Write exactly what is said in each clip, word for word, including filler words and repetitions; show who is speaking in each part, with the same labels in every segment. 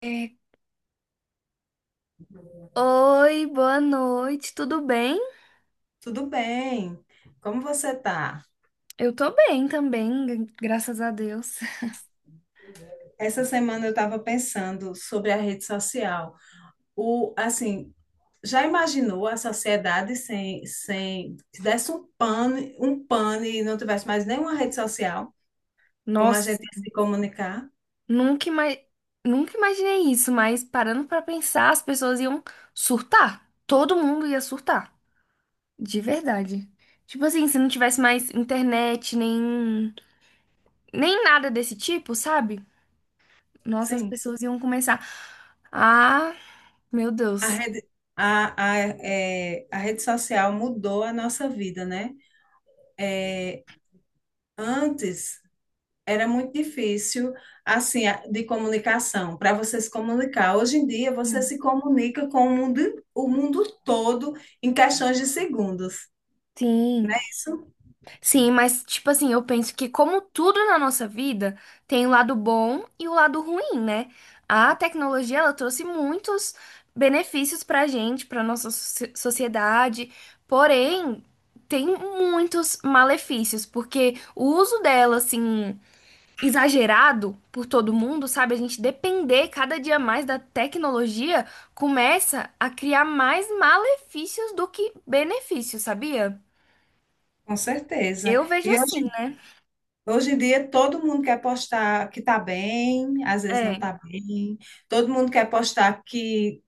Speaker 1: É. Oi, boa noite, tudo bem?
Speaker 2: Tudo bem? Como você tá?
Speaker 1: Eu tô bem também, gra- graças a Deus.
Speaker 2: Essa semana eu estava pensando sobre a rede social. O, assim, já imaginou a sociedade sem, sem, se desse um pane, um pane e não tivesse mais nenhuma rede social? Como a
Speaker 1: Nossa,
Speaker 2: gente ia se comunicar?
Speaker 1: nunca, ima nunca imaginei isso, mas parando pra pensar, as pessoas iam surtar. Todo mundo ia surtar, de verdade. Tipo assim, se não tivesse mais internet, nem, nem nada desse tipo, sabe? Nossa, as
Speaker 2: Sim.
Speaker 1: pessoas iam começar. Ah, meu
Speaker 2: A
Speaker 1: Deus.
Speaker 2: rede, a, a, é, a rede social mudou a nossa vida, né? É, antes era muito difícil, assim, a- de comunicação, para você se comunicar. Hoje em dia, você
Speaker 1: Sim.
Speaker 2: se comunica com o mundo, o mundo todo em questões de segundos,
Speaker 1: Sim.
Speaker 2: né? Isso,
Speaker 1: Sim, mas tipo assim, eu penso que como tudo na nossa vida, tem o lado bom e o lado ruim, né? A tecnologia, ela trouxe muitos benefícios pra gente, pra nossa soci- sociedade, porém, tem muitos malefícios, porque o uso dela, assim, exagerado por todo mundo, sabe? A gente depender cada dia mais da tecnologia começa a criar mais malefícios do que benefícios, sabia?
Speaker 2: com certeza.
Speaker 1: Eu vejo
Speaker 2: E
Speaker 1: assim,
Speaker 2: hoje,
Speaker 1: né?
Speaker 2: hoje em dia, todo mundo quer postar que está bem, às vezes não
Speaker 1: É.
Speaker 2: está bem. Todo mundo quer postar que,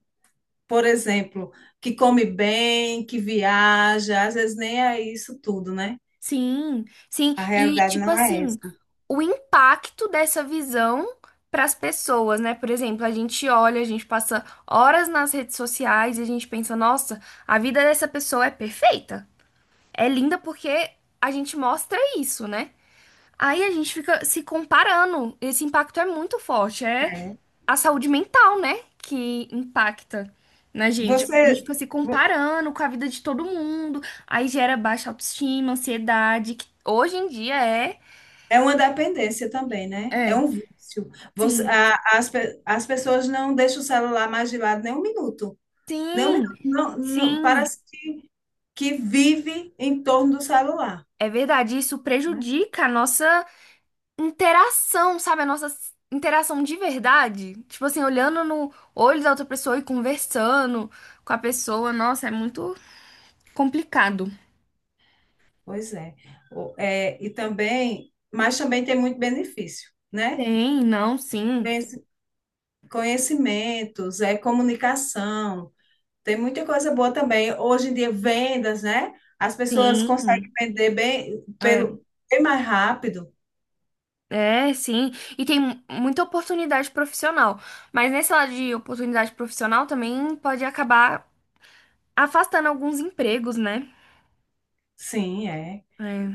Speaker 2: por exemplo, que come bem, que viaja, às vezes nem é isso tudo, né?
Speaker 1: Sim, sim.
Speaker 2: A
Speaker 1: E,
Speaker 2: realidade
Speaker 1: tipo
Speaker 2: não é
Speaker 1: assim,
Speaker 2: essa.
Speaker 1: o impacto dessa visão para as pessoas, né? Por exemplo, a gente olha, a gente passa horas nas redes sociais e a gente pensa, nossa, a vida dessa pessoa é perfeita. É linda porque a gente mostra isso, né? Aí a gente fica se comparando. Esse impacto é muito forte. É
Speaker 2: É.
Speaker 1: a saúde mental, né? Que impacta na gente. Porque a gente
Speaker 2: Você.
Speaker 1: fica se comparando com a vida de todo mundo. Aí gera baixa autoestima, ansiedade, que hoje em dia é.
Speaker 2: É uma dependência também, né? É
Speaker 1: É,
Speaker 2: um vício. Você-
Speaker 1: sim.
Speaker 2: a- as, pe- as pessoas não deixam o celular mais de lado nem um minuto. Nem um
Speaker 1: Sim,
Speaker 2: minuto. Não, não-
Speaker 1: sim.
Speaker 2: parece que vive em torno do celular,
Speaker 1: É verdade. Isso
Speaker 2: né?
Speaker 1: prejudica a nossa interação, sabe? A nossa s- interação de verdade. Tipo assim, olhando no olho da outra pessoa e conversando com a pessoa. Nossa, é muito. Complicado.
Speaker 2: Pois é. O- é, E também, mas também tem muito benefício, né?
Speaker 1: Tem, não, sim,
Speaker 2: Conheci- Conhecimentos, é comunicação, tem muita coisa boa também. Hoje em dia, vendas, né? As pessoas
Speaker 1: sim,
Speaker 2: conseguem vender bem,
Speaker 1: é,
Speaker 2: pelo, bem mais rápido.
Speaker 1: é, sim. E tem mu- muita oportunidade profissional. Mas nesse lado de oportunidade profissional também pode acabar afastando alguns empregos, né?
Speaker 2: Sim, é.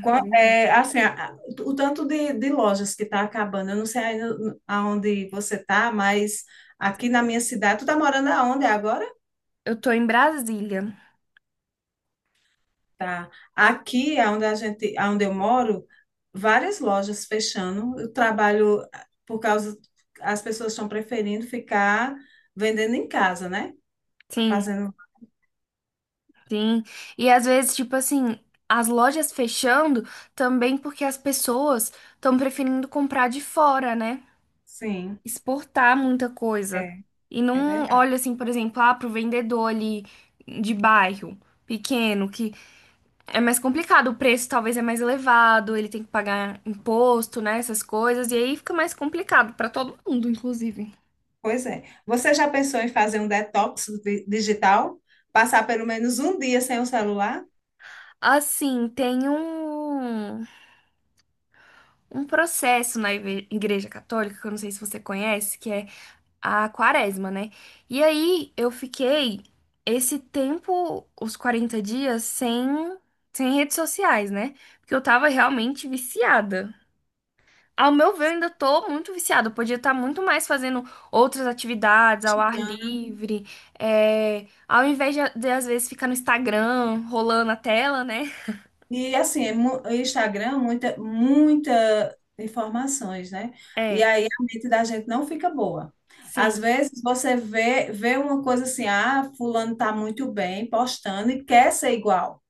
Speaker 2: Qua- é, assim, a- a- o tanto de, de lojas que está acabando, eu não sei ainda aonde você está, mas aqui na minha cidade, tu está morando aonde agora?
Speaker 1: Eu tô em Brasília.
Speaker 2: Tá. Aqui, aonde a gente, aonde eu moro, várias lojas fechando. Eu trabalho ah, por causa, as pessoas estão preferindo ficar vendendo em casa, né?
Speaker 1: Sim,
Speaker 2: Fazendo,
Speaker 1: sim. E às vezes, tipo assim, as lojas fechando também porque as pessoas estão preferindo comprar de fora, né?
Speaker 2: sim,
Speaker 1: Exportar muita coisa.
Speaker 2: é,
Speaker 1: E
Speaker 2: é
Speaker 1: não
Speaker 2: verdade.
Speaker 1: olha assim, por exemplo, ah, pro vendedor ali de bairro pequeno, que é mais complicado, o preço talvez é mais elevado, ele tem que pagar imposto, né, essas coisas, e aí fica mais complicado para todo mundo, inclusive.
Speaker 2: Pois é. Você já pensou em fazer um detox di- digital? Passar pelo menos um dia sem o celular?
Speaker 1: Assim, tem um, um processo na igre- Igreja Católica, que eu não sei se você conhece, que é a quaresma, né? E aí eu fiquei esse tempo, os quarenta dias, sem, sem redes sociais, né? Porque eu tava realmente viciada. Ao meu ver, eu ainda tô muito viciada. Eu podia estar muito mais fazendo outras atividades ao ar livre, é, ao invés de, de, às vezes, ficar no Instagram, rolando a tela, né?
Speaker 2: E assim, é mu- o Instagram, muita, muita informações, né? E
Speaker 1: É,
Speaker 2: aí a mente da gente não fica boa. Às
Speaker 1: sim.
Speaker 2: vezes você vê, vê uma coisa assim, ah, fulano tá muito bem postando e quer ser igual,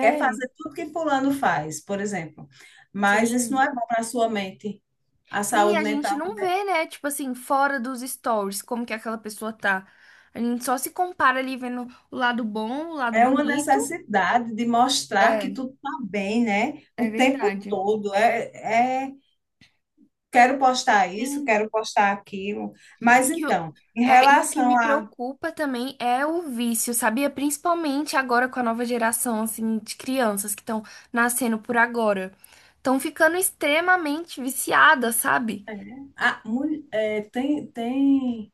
Speaker 2: quer fazer tudo que fulano faz, por exemplo. Mas isso não
Speaker 1: sim.
Speaker 2: é bom para a sua mente. A
Speaker 1: Sim,
Speaker 2: saúde
Speaker 1: a gente
Speaker 2: mental.
Speaker 1: não vê, né? Tipo assim, fora dos stories, como que aquela pessoa tá. A gente só se compara ali vendo o lado bom, o lado
Speaker 2: É uma
Speaker 1: bonito.
Speaker 2: necessidade de mostrar que
Speaker 1: É,
Speaker 2: tudo está bem, né? O
Speaker 1: é
Speaker 2: tempo
Speaker 1: verdade.
Speaker 2: todo. É, é, quero postar isso,
Speaker 1: Sim.
Speaker 2: quero postar aquilo.
Speaker 1: E,
Speaker 2: Mas
Speaker 1: que o-
Speaker 2: então, em
Speaker 1: é, e o que
Speaker 2: relação
Speaker 1: me
Speaker 2: a,
Speaker 1: preocupa também é o vício, sabia? Principalmente agora com a nova geração, assim, de crianças que estão nascendo por agora. Estão ficando extremamente viciadas, sabe?
Speaker 2: a mul- é, tem, tem,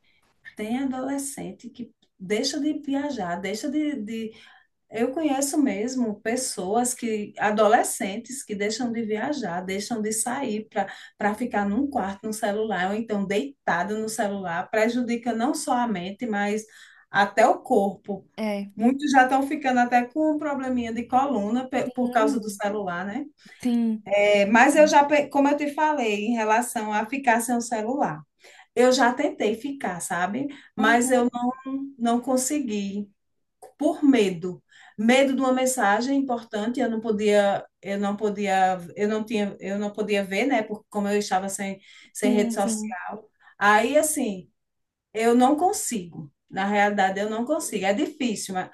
Speaker 2: tem adolescente que deixa de viajar, deixa de, de eu conheço mesmo pessoas que, adolescentes que deixam de viajar, deixam de sair para para ficar num quarto no celular, ou então deitado no celular, prejudica não só a mente, mas até o corpo.
Speaker 1: É.
Speaker 2: Muitos já estão ficando até com um probleminha de coluna pe- por causa do
Speaker 1: Sim,
Speaker 2: celular, né?
Speaker 1: sim.
Speaker 2: É, mas eu
Speaker 1: Sim,
Speaker 2: já, pe- como eu te falei, em relação a ficar sem o celular, eu já tentei ficar, sabe? Mas
Speaker 1: uhum,
Speaker 2: eu não consegui por medo. Medo de uma mensagem importante, eu não podia, eu não podia, eu não tinha, eu não podia ver, né? Porque como eu estava sem, sem
Speaker 1: sim.
Speaker 2: rede
Speaker 1: Sim.
Speaker 2: social. Aí, assim, eu não consigo. Na realidade, eu não consigo. É difícil, mas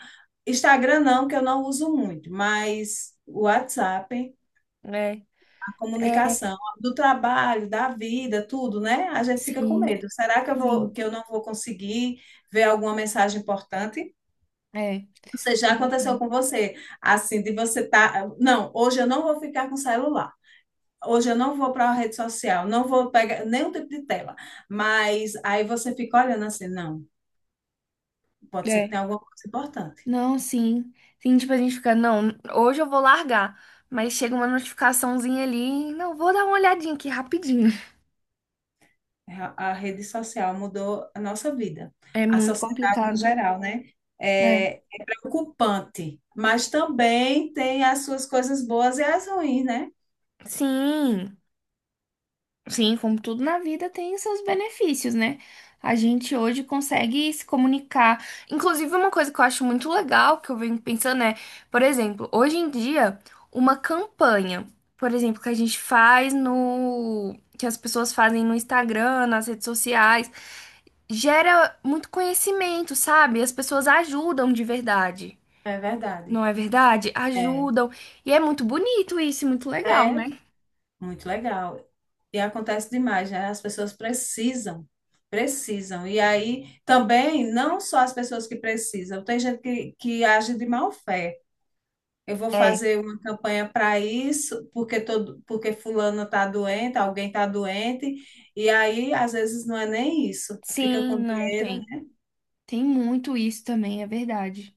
Speaker 2: Instagram não, que eu não uso muito, mas o WhatsApp,
Speaker 1: É.
Speaker 2: a
Speaker 1: É,
Speaker 2: comunicação do trabalho, da vida, tudo, né? A gente fica com
Speaker 1: sim.
Speaker 2: medo. Será que eu vou,
Speaker 1: Sim,
Speaker 2: que eu não vou conseguir ver alguma mensagem importante?
Speaker 1: é.
Speaker 2: Você já aconteceu com você, assim, de você tá, não, hoje eu não vou ficar com celular. Hoje eu não vou para a rede social, não vou pegar nenhum tipo de tela. Mas aí você fica olhando assim, não, pode ser que
Speaker 1: É.
Speaker 2: tenha alguma coisa importante.
Speaker 1: Não, sim. Sim, tipo, a gente fica, não, hoje eu vou largar. Mas chega uma notificaçãozinha ali, não, vou dar uma olhadinha aqui rapidinho.
Speaker 2: A a rede social mudou a nossa vida,
Speaker 1: É
Speaker 2: a
Speaker 1: muito
Speaker 2: sociedade no
Speaker 1: complicado.
Speaker 2: geral, né?
Speaker 1: É.
Speaker 2: É, é preocupante, mas também tem as suas coisas boas e as ruins, né?
Speaker 1: Sim. Sim, como tudo na vida tem seus benefícios, né? A gente hoje consegue se comunicar. Inclusive, uma coisa que eu acho muito legal, que eu venho pensando é, por exemplo, hoje em dia, uma campanha, por exemplo, que a gente faz no. que as pessoas fazem no Instagram, nas redes sociais, gera muito conhecimento, sabe? As pessoas ajudam de verdade.
Speaker 2: É verdade.
Speaker 1: Não é verdade?
Speaker 2: É,
Speaker 1: Ajudam. E é muito bonito isso, e muito legal,
Speaker 2: é
Speaker 1: né?
Speaker 2: muito legal. E acontece demais, né? As pessoas precisam, precisam. E aí também, não só as pessoas que precisam, tem gente que, que age de má fé. Eu vou
Speaker 1: É.
Speaker 2: fazer uma campanha para isso, porque todo, porque fulano está doente, alguém está doente, e aí às vezes não é nem isso, fica
Speaker 1: Sim,
Speaker 2: com
Speaker 1: não
Speaker 2: dinheiro,
Speaker 1: tem.
Speaker 2: né?
Speaker 1: Tem muito isso também, é verdade.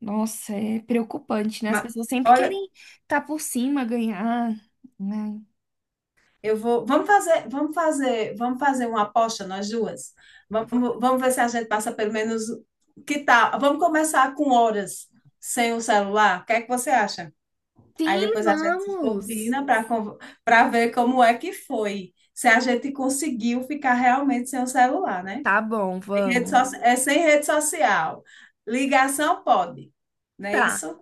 Speaker 1: Nossa, é preocupante, né? As
Speaker 2: Mas,
Speaker 1: pessoas sempre
Speaker 2: olha,
Speaker 1: querem estar por cima, ganhar, né?
Speaker 2: eu vou. Vamos fazer, vamos fazer, vamos fazer uma aposta nós duas. Vamos, vamos ver se a gente passa pelo menos. Que tal? Vamos começar com horas sem o celular. O que é que você acha? Aí
Speaker 1: Sim,
Speaker 2: depois a gente
Speaker 1: vamos.
Speaker 2: combina para para ver como é que foi. Se a gente conseguiu ficar realmente sem o celular, né?
Speaker 1: Tá bom,
Speaker 2: Sem rede so-
Speaker 1: vamos.
Speaker 2: é sem rede social. Ligação pode, não é
Speaker 1: Tá,
Speaker 2: isso?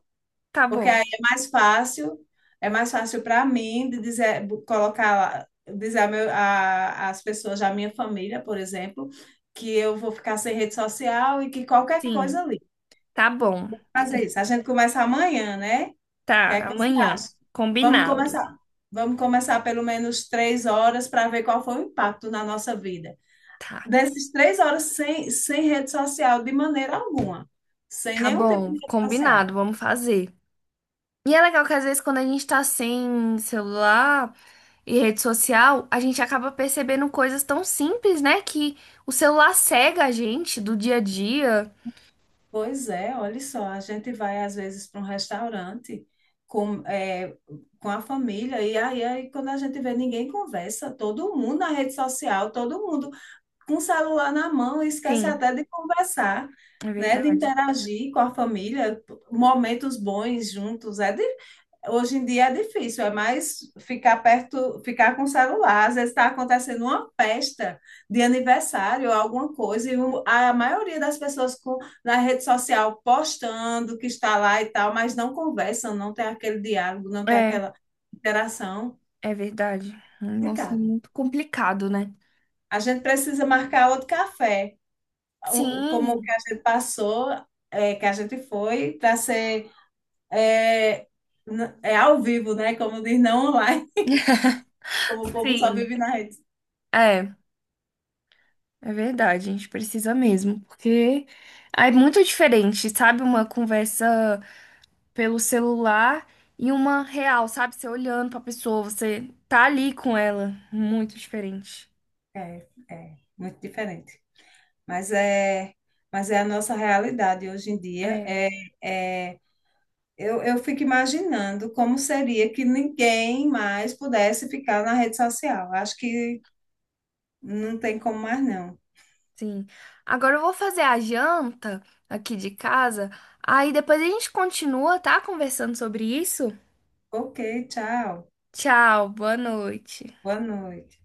Speaker 1: tá
Speaker 2: Porque
Speaker 1: bom.
Speaker 2: aí é mais fácil, é mais fácil para mim de dizer, bo- colocar, lá- dizer a meu, a, as pessoas da minha família, por exemplo, que eu vou ficar sem rede social e que qualquer
Speaker 1: Sim,
Speaker 2: coisa ali.
Speaker 1: tá bom.
Speaker 2: Fazer isso. A gente começa amanhã, né? O que
Speaker 1: Tá,
Speaker 2: é que você
Speaker 1: amanhã.
Speaker 2: acha? Vamos
Speaker 1: Combinado.
Speaker 2: começar. Vamos começar pelo menos três horas para ver qual foi o impacto na nossa vida.
Speaker 1: Tá,
Speaker 2: Dessas três horas sem, sem rede social de maneira alguma, sem
Speaker 1: tá
Speaker 2: nenhum tipo
Speaker 1: bom,
Speaker 2: de rede social.
Speaker 1: combinado, vamos fazer. E é legal que às vezes quando a gente tá sem celular e rede social, a gente acaba percebendo coisas tão simples, né? Que o celular cega a gente do dia a dia.
Speaker 2: Pois é, olha só, a gente vai às vezes para um restaurante com, é, com a família e aí, aí quando a gente vê ninguém conversa, todo mundo na rede social, todo mundo com o celular na mão, e esquece
Speaker 1: Sim,
Speaker 2: até de conversar,
Speaker 1: é
Speaker 2: né, de
Speaker 1: verdade.
Speaker 2: interagir com a família, momentos bons juntos. É hoje em dia é difícil, é mais ficar perto, ficar com o celular. Às vezes está acontecendo uma festa de aniversário, ou alguma coisa, e o- a maioria das pessoas com, na rede social postando que está lá e tal, mas não conversam, não tem aquele diálogo, não tem
Speaker 1: É,
Speaker 2: aquela interação.
Speaker 1: é verdade. Nossa, é
Speaker 2: Complicado.
Speaker 1: muito complicado, né?
Speaker 2: A gente precisa marcar outro café, um- como
Speaker 1: Sim,
Speaker 2: o que a gente passou, é, que a gente foi, para ser é, n- é ao vivo, né? Como diz, não online. Como o povo só
Speaker 1: sim.
Speaker 2: vive na rede.
Speaker 1: É, é verdade. A gente precisa mesmo, porque é muito diferente, sabe? Uma conversa pelo celular e uma real, sabe? Você olhando pra pessoa, você tá ali com ela. Muito diferente.
Speaker 2: É, é muito diferente. Mas é, mas é a nossa realidade hoje em dia.
Speaker 1: É,
Speaker 2: É, é, eu, eu fico imaginando como seria que ninguém mais pudesse ficar na rede social. Acho que não tem como mais, não.
Speaker 1: sim. Agora eu vou fazer a janta aqui de casa. Aí depois a gente continua, tá? Conversando sobre isso.
Speaker 2: Ok, tchau.
Speaker 1: Tchau, boa noite.
Speaker 2: Boa noite.